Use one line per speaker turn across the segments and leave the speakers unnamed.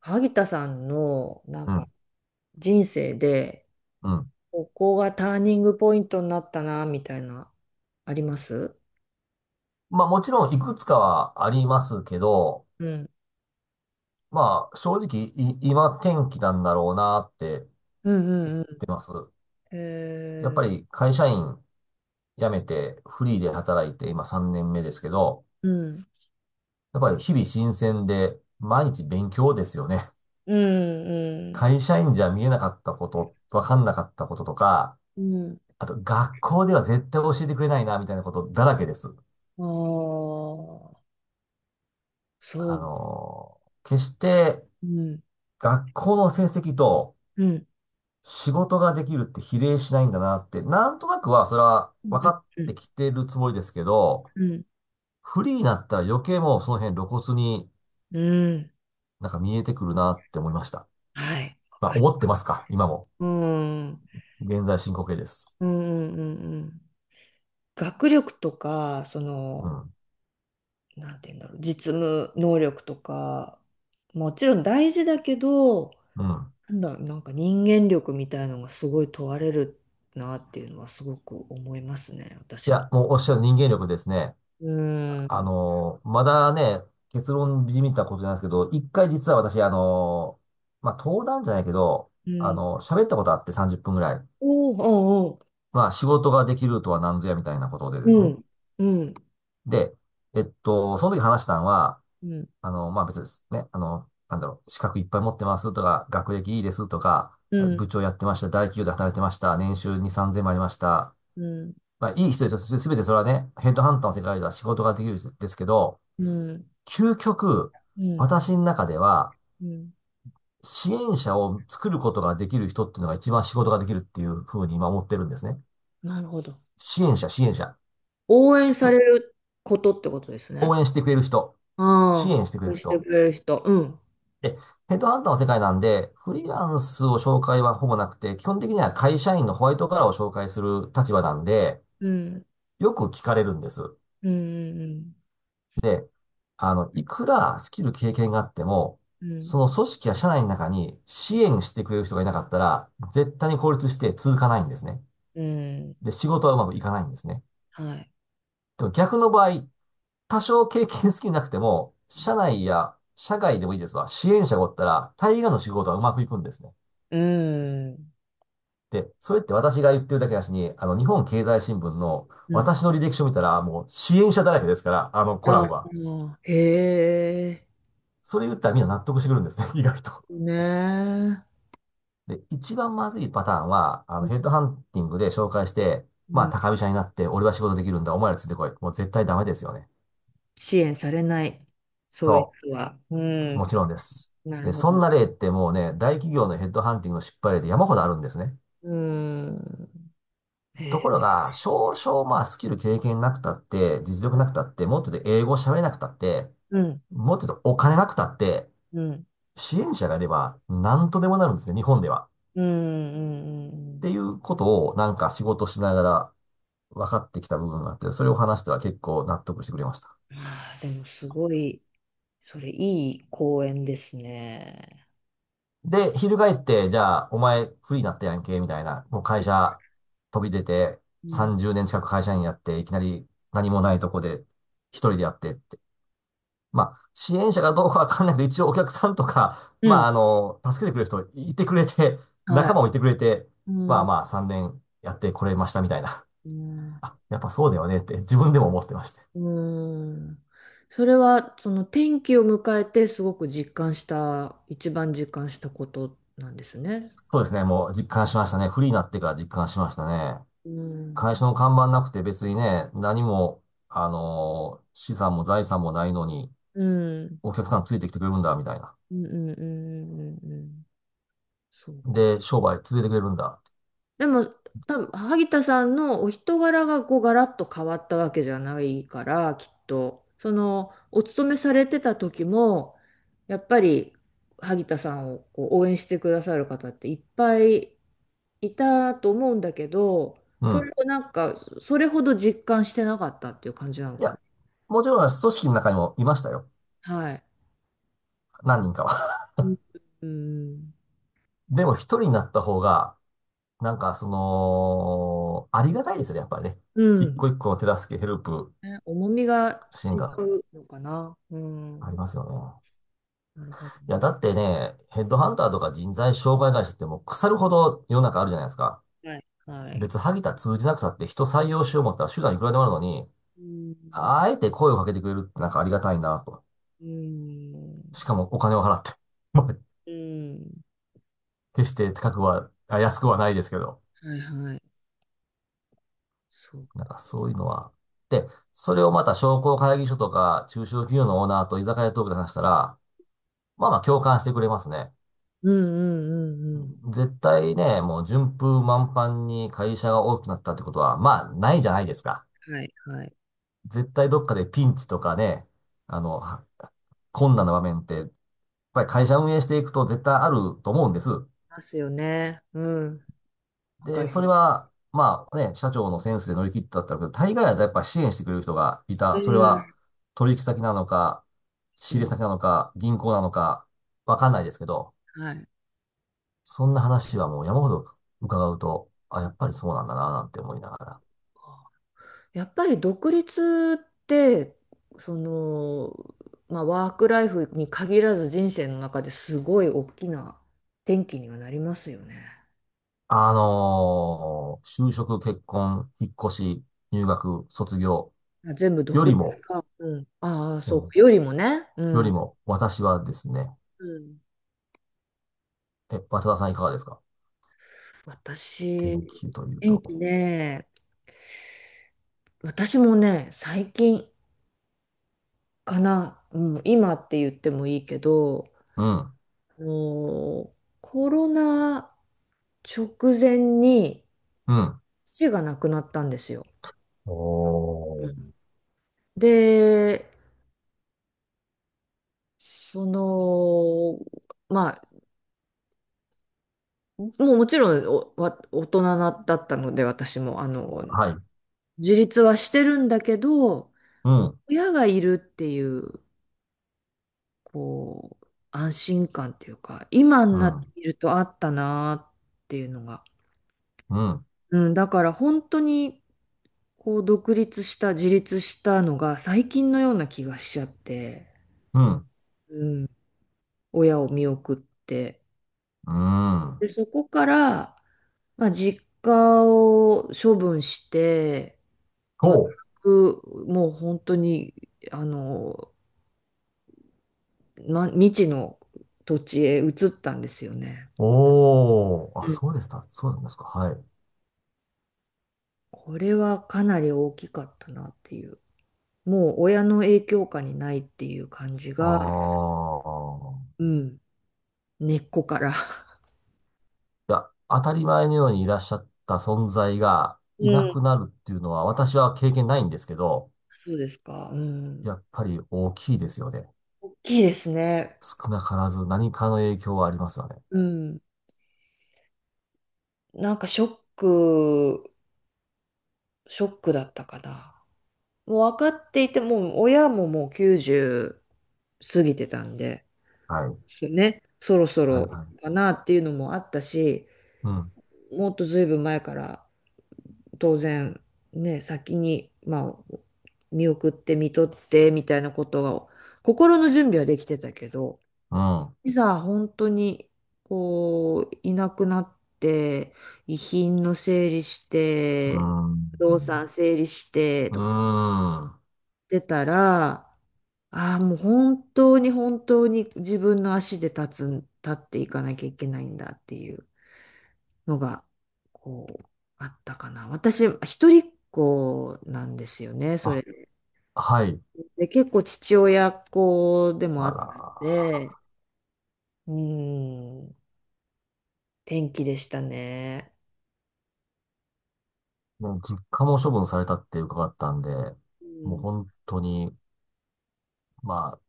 萩田さんのな
う
ん
ん、
か人生で
うん。
ここがターニングポイントになったなみたいな、あります？
まあもちろんいくつかはありますけど、
うん
まあ正直今天気なんだろうなって言っ
うんうんう
て
ん。
ます。やっぱり会社員辞めてフリーで働いて今3年目ですけど、
うん
やっぱり日々新鮮で毎日勉強ですよね。
うん
会社員じゃ見えなかったこと、わかんなかったこととか、
うん
あと学校では絶対教えてくれないなみたいなことだらけです。
うん。ああ、そう。
決して
うん
学校の成績と
うん
仕事ができるって比例しないんだなって、なんとなくはそれは
うん
分かっ
う
て
ん
きてるつもりですけど、
うん
フリーになったら余計もうその辺露骨に
うん
なんか見えてくるなって思いました。
はい、わ
まあ
かる。
思ってますか今も。
うんうん
現在進行形です。
うん。学力とか、そ
う
の、
ん。
なんて言うんだろう、実務能力とか、もちろん大事だけど、
うん。
なんだろう、なんか人間力みたいのがすごい問われるなっていうのはすごく思いますね、
い
私も。
や、もうおっしゃる人間力ですね。
うん。
まだね、結論じみたことじゃないですけど、一回実は私、まあ登壇じゃないけど、
うん。
喋ったことあって30分ぐらい。
おお、おうお
まあ仕事ができるとは何ぞやみたいなことで
う、
です
う
ね。
ん、うん、
で、その時話したのは、
うん、
あの、まあ、別にですね。あの、なんだろう、資格いっぱい持ってますとか、学歴いいですとか、
うん、
部長やってました、大企業で働いてました、年収2、3000もありました。
うん、
まあ、いい人ですよ。すべてそれはね、ヘッドハンターの世界では仕事ができるんですけど、
うん、
究極、
うん、
私の中では、
うん。
支援者を作ることができる人っていうのが一番仕事ができるっていうふうに今思ってるんですね。
なるほど。
支援者、支援者。
応援さ
つ
れることってことです
応
ね。
援してくれる人。支
ああ、
援してくれ
応
る
援して
人。
くれる人。うん、
え、ヘッドハンターの世界なんで、フリーランスを紹介はほぼなくて、基本的には会社員のホワイトカラーを紹介する立場なんで、
うん、
よく聞かれるんです。
うん、
で、あの、いくらスキル経験があっても、
うん、
その組織や社内の中に支援してくれる人がいなかったら、絶対に孤立して続かないんですね。
うん。
で、仕事はうまくいかないんですね。
はい。
でも逆の場合、多少経験好きなくても、社内や社外でもいいですわ、支援者がおったら、大概の仕事はうまくいくんですね。
うん。
で、それって私が言ってるだけだしに、あの、日本経済新聞の
うん。
私の履歴書見たら、もう支援者だらけですから、あの、コラ
あ
ムは。
あ、へえ。
それ言ったらみんな納得してくるんですね、意外と。
ねえ。
で、一番まずいパターンは、あ
う
の、
ん
ヘッドハンティングで紹介して、ま
うんああへえねえう
あ、
ん
高飛車になって、俺は仕事できるんだ、お前らついてこい。もう絶対ダメですよね。
支援されない、そういう
そ
人は。う
う。
ん、
もちろんです。
なる
で、
ほ
そん
ど。
な例ってもうね、大企業のヘッドハンティングの失敗例で山ほどあるんですね。
うん、へ
とこ
え、
ろが、少々まあスキル経験なくたって、実力なくたって、もっと英語喋れなくたって、
うん、
もっと言うとお金なくたって、
うん、
支援者がいれば何とでもなるんですね、日本では。
うん、うん、う
ってい
ん。
うことをなんか仕事しながら分かってきた部分があって、それを話したら結構納得してくれました。
ああー、でもすごい、それいい公園ですね。
で、翻って、じゃあ、お前フリーになったやんけ、みたいな、もう会社飛び出て
うん、
30年近く会社員やって、いきなり何もないとこで一人でやって、まあ、支援者かどうかわかんないけど、一応お客さんとか、
う
ま
ん
あ、あの、助けてくれる人いてくれて、
はい。
仲間もいてくれて、
う
まあ
ん
まあ、3年やってこれましたみたいな。
うん
あ、やっぱそうだよねって自分でも思ってまして。
うん。それは、その転機を迎えてすごく実感した、一番実感したことなんですね。
そうですね、もう実感しましたね。フリーになってから実感しましたね。
うん。
会社の看板なくて別にね、何も、あの、資産も財産もないのに、
うん。
お客さんついてきてくれるんだ、みたいな。
うん。そうか。
で、商売続けてくれるんだ。
でも、多分萩田さんのお人柄がこうガラッと変わったわけじゃないから、きっと、その、お勤めされてた時も、やっぱり萩田さんをこう応援してくださる方っていっぱいいたと思うんだけど、
う
そ
ん。
れをなんか、それほど実感してなかったっていう感じなの
い
かな。
や、もちろん組織の中にもいましたよ。
はい。
何人かは。
うん。うん
でも一人になった方が、なんかその、ありがたいですよね、やっぱりね。
う
一
ん、
個一個の手助け、ヘルプ、
ね、重みが
支援
違
が
うのかな。う
あり
ん。
ますよね。
なるほど
いや、
ね。
だってね、ヘッドハンターとか人材紹介会社ってもう腐るほど世の中あるじゃないですか。
はい。はい。
別、萩田通じなくたって人採用しよう思ったら手段いくらでもあるのに、
うん、
あえて声をかけてくれるってなんかありがたいなと。
う
し
ん、
かもお金を払って。まあ
うん、
決して高くは、安くはないですけど。
はいはい、そう、
なんかそういうのは。で、それをまた商工会議所とか中小企業のオーナーと居酒屋トークで話したら、まあまあ共感してくれますね。
うんうんうんうん。
絶対ね、もう順風満帆に会社が大きくなったってことは、まあないじゃないですか。
はいはい、
絶対どっかでピンチとかね、あの、困難な場面って、やっぱり会社運営していくと絶対あると思うんです。
ますよね。うん。わか
で、
り
それ
ます。
は、まあね、社長のセンスで乗り切ったけど、大概はやっぱ支援してくれる人がい
う
た。それは
ん、
取引先なのか、
う
仕入れ
ん、
先なのか、銀行なのか、わかんないですけど、
はい、
そんな話はもう山ほど伺うと、あ、
そ
や
っ
っぱりそうなんだな、なんて思いながら。
か。やっぱり独立って、その、まあ、ワークライフに限らず人生の中ですごい大きな転機にはなりますよね。
就職、結婚、引っ越し、入学、卒業
まあ全部
よ
独
り
立
も、
か、うん、ああ
う
そう
ん、
かよりもね。う
より
ん。
も、私はですね、
うん、
え、渡田さんいかがですか天
私、
気という
天気
と。
ね、私もね、最近かな、うん、今って言ってもいいけど、
うん、
もうコロナ直前に
うん。
父が亡くなったんですよ。
お
う
ー、
ん。で、その、まあ、もうもちろんおわ大人なだったので、私も、あの、
はい。
自立はしてるんだけど、
うん、
親がいるっていう、こう、安心感っていうか、今に
う
なって
ん、
みるとあったなっていうのが。
うん、
うん、だから本当に、こう、独立した、自立したのが最近のような気がしちゃって、
うん、
親を見送って。
うん。
で、そこから、まあ、実家を処分して、全
ほう。
く、もう本当に、あの、ま、未知の土地へ移ったんですよね。
おー。あ、
うん、
そうでした。そうなんですか。はい。
これはかなり大きかったなっていう。もう親の影響下にないっていう感じ
あ
が、
あ。
うん、根っこから。
いや、当たり前のようにいらっしゃった存在がい
う
な
ん、
くなるっていうのは、私は経験ないんですけど、
そうですか。うん。
やっぱり大きいですよね。
大きいですね。
少なからず何かの影響はありますよね。
うん。なんかショック、ショックだったかな。もう分かっていて、もう親ももう90過ぎてたんで、
はい。
ね、そろそ
はい、
ろ
はい。
かなっていうのもあったし、
うん、
もっとずいぶん前から当然ね、先に、まあ、見送って見とってみたいなことが、心の準備はできてたけど、
うん、
いざ本当にこう、いなくなって、遺品の整理し
う
て、
ん、
不動産整理して
うー
とかや
ん。
ってたら、ああ、もう本当に本当に自分の足で立つん、立っていかなきゃいけないんだっていうのが、こう、あったかな。私、一人っ子なんですよね、それ
あ、
で。
はい。
で結構父親っ子でもあ
あ
った
ら
の
ー。
で、うん、天気でしたね。
もう実家も処分されたって伺ったんで、
う
もう
ん、
本当に、まあ、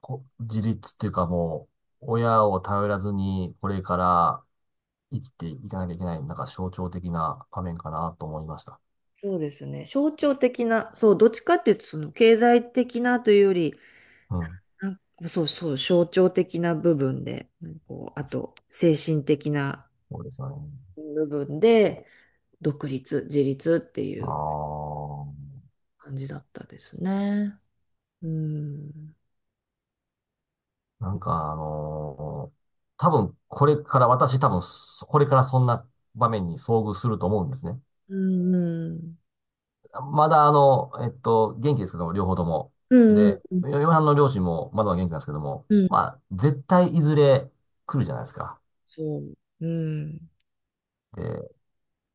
自立っていうかもう、親を頼らずに、これから生きていかなきゃいけない、なんか象徴的な場面かなと思いました。
そうですね。象徴的な、そう、どっちかっていうと、その経済的なというより、
うん。
なんかそうそう、象徴的な部分で、なんかこう、あと、精神的な
そうですよね。
部分で、独立、自立ってい
あ
う
あ、
感じだったですね。うん。
なんか多分これから、私多分そ、これからそんな場面に遭遇すると思うんですね。
うんうん。
まだあの、元気ですけども、両方とも。
うん
で、
うん
嫁はんの両親もまだまだ元気なんですけども、
う
まあ、絶対いずれ来る
ん。
じゃないですか。
そう。うん。
で、や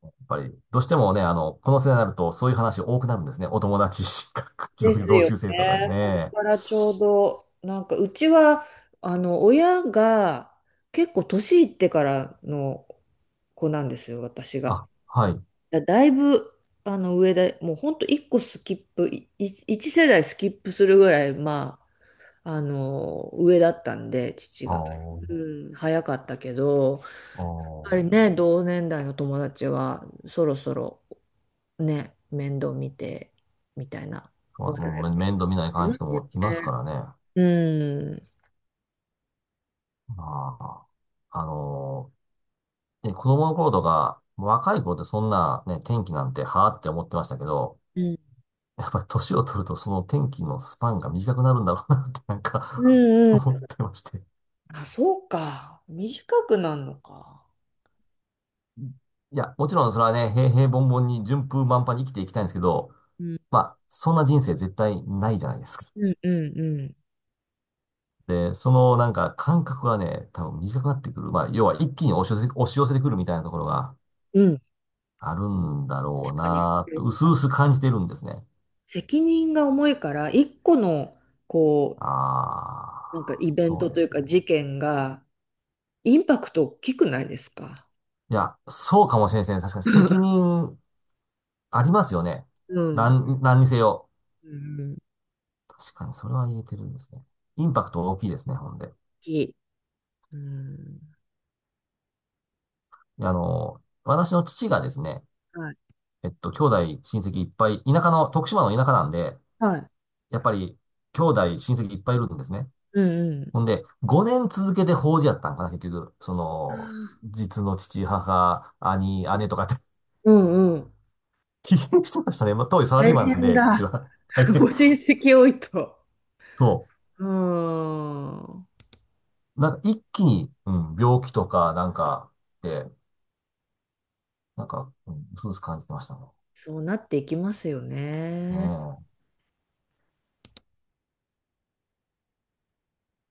っぱり、どうしてもね、あの、この世代になるとそういう話多くなるんですね。お友達、
です
同
よ
級生とかで
ね。これ
ね。
からちょうど、なんかうちは、あの、親が結構年いってからの子なんですよ、私が。
あ、はい。
だ、だいぶ、あの、上で、もうほんと1個スキップ、いい一世代スキップするぐらい、まあ、あの、上だったんで、父
ああ、あ
が。
あ、
うん、早かったけど、やっぱり
そ
ね、同年代の友達は、そろそろ、ね、面倒見てみたいな。
う、
あ
もう面倒見ないか
り
ん
ま
人
すよ
もいます
ね。
からね。あ
うん。
あ、あのね子供の頃とか、若い頃ってそんなね、天気なんてはあって思ってましたけど、
うん。
やっぱり年を取るとその天気のスパンが短くなるんだろうなってなん
う
か
んう
思
ん。
ってまして。
あ、そうか。短くなんのか。
いや、もちろんそれはね、平凡々に順風満帆に生きていきたいんですけど、
うん
まあ、そんな人生絶対ないじゃないですか。
うんうん
で、そのなんか感覚がね、多分短くなってくる。まあ、要は一気に押し寄せ、押し寄せてくるみたいなところが
うん、あそうか短くなるのか、うん。
あるんだろ
確
う
かに。
なと、薄々感じてるんですね。
責任が重いから、一個の、こ
あ
う、なんかイ
あ、
ベン
そ
ト
うで
という
す
か
ね。
事件が、インパクト大きくないですか？
いや、そうかもしれないですね。確かに
う
責
ん。
任ありますよね。
うん。
何にせよ。
うん、大
確かにそれは言えてるんですね。インパクト大きいですね、ほんで。
きい。うん。
で、あの、私の父がですね、
はい。
兄弟、親戚いっぱい、田舎の、徳島の田舎なんで、
はい。
やっぱり、兄弟、親戚いっぱいいるんですね。
うんうん。
ほんで、5年続けて法事やったんかな、結局。その、実の父、母、兄、姉とかって
うんうん。
危険してましたね。まあ、当時サラ
大
リーマン
変
で、父
だ。
は。
ご 親戚多いと。
そ
うーん。
う。なんか一気に、うん、病気とか、なんか、で、なんか、うん、そうです感じてましたね。
そうなっていきますよ
ね
ね。
え。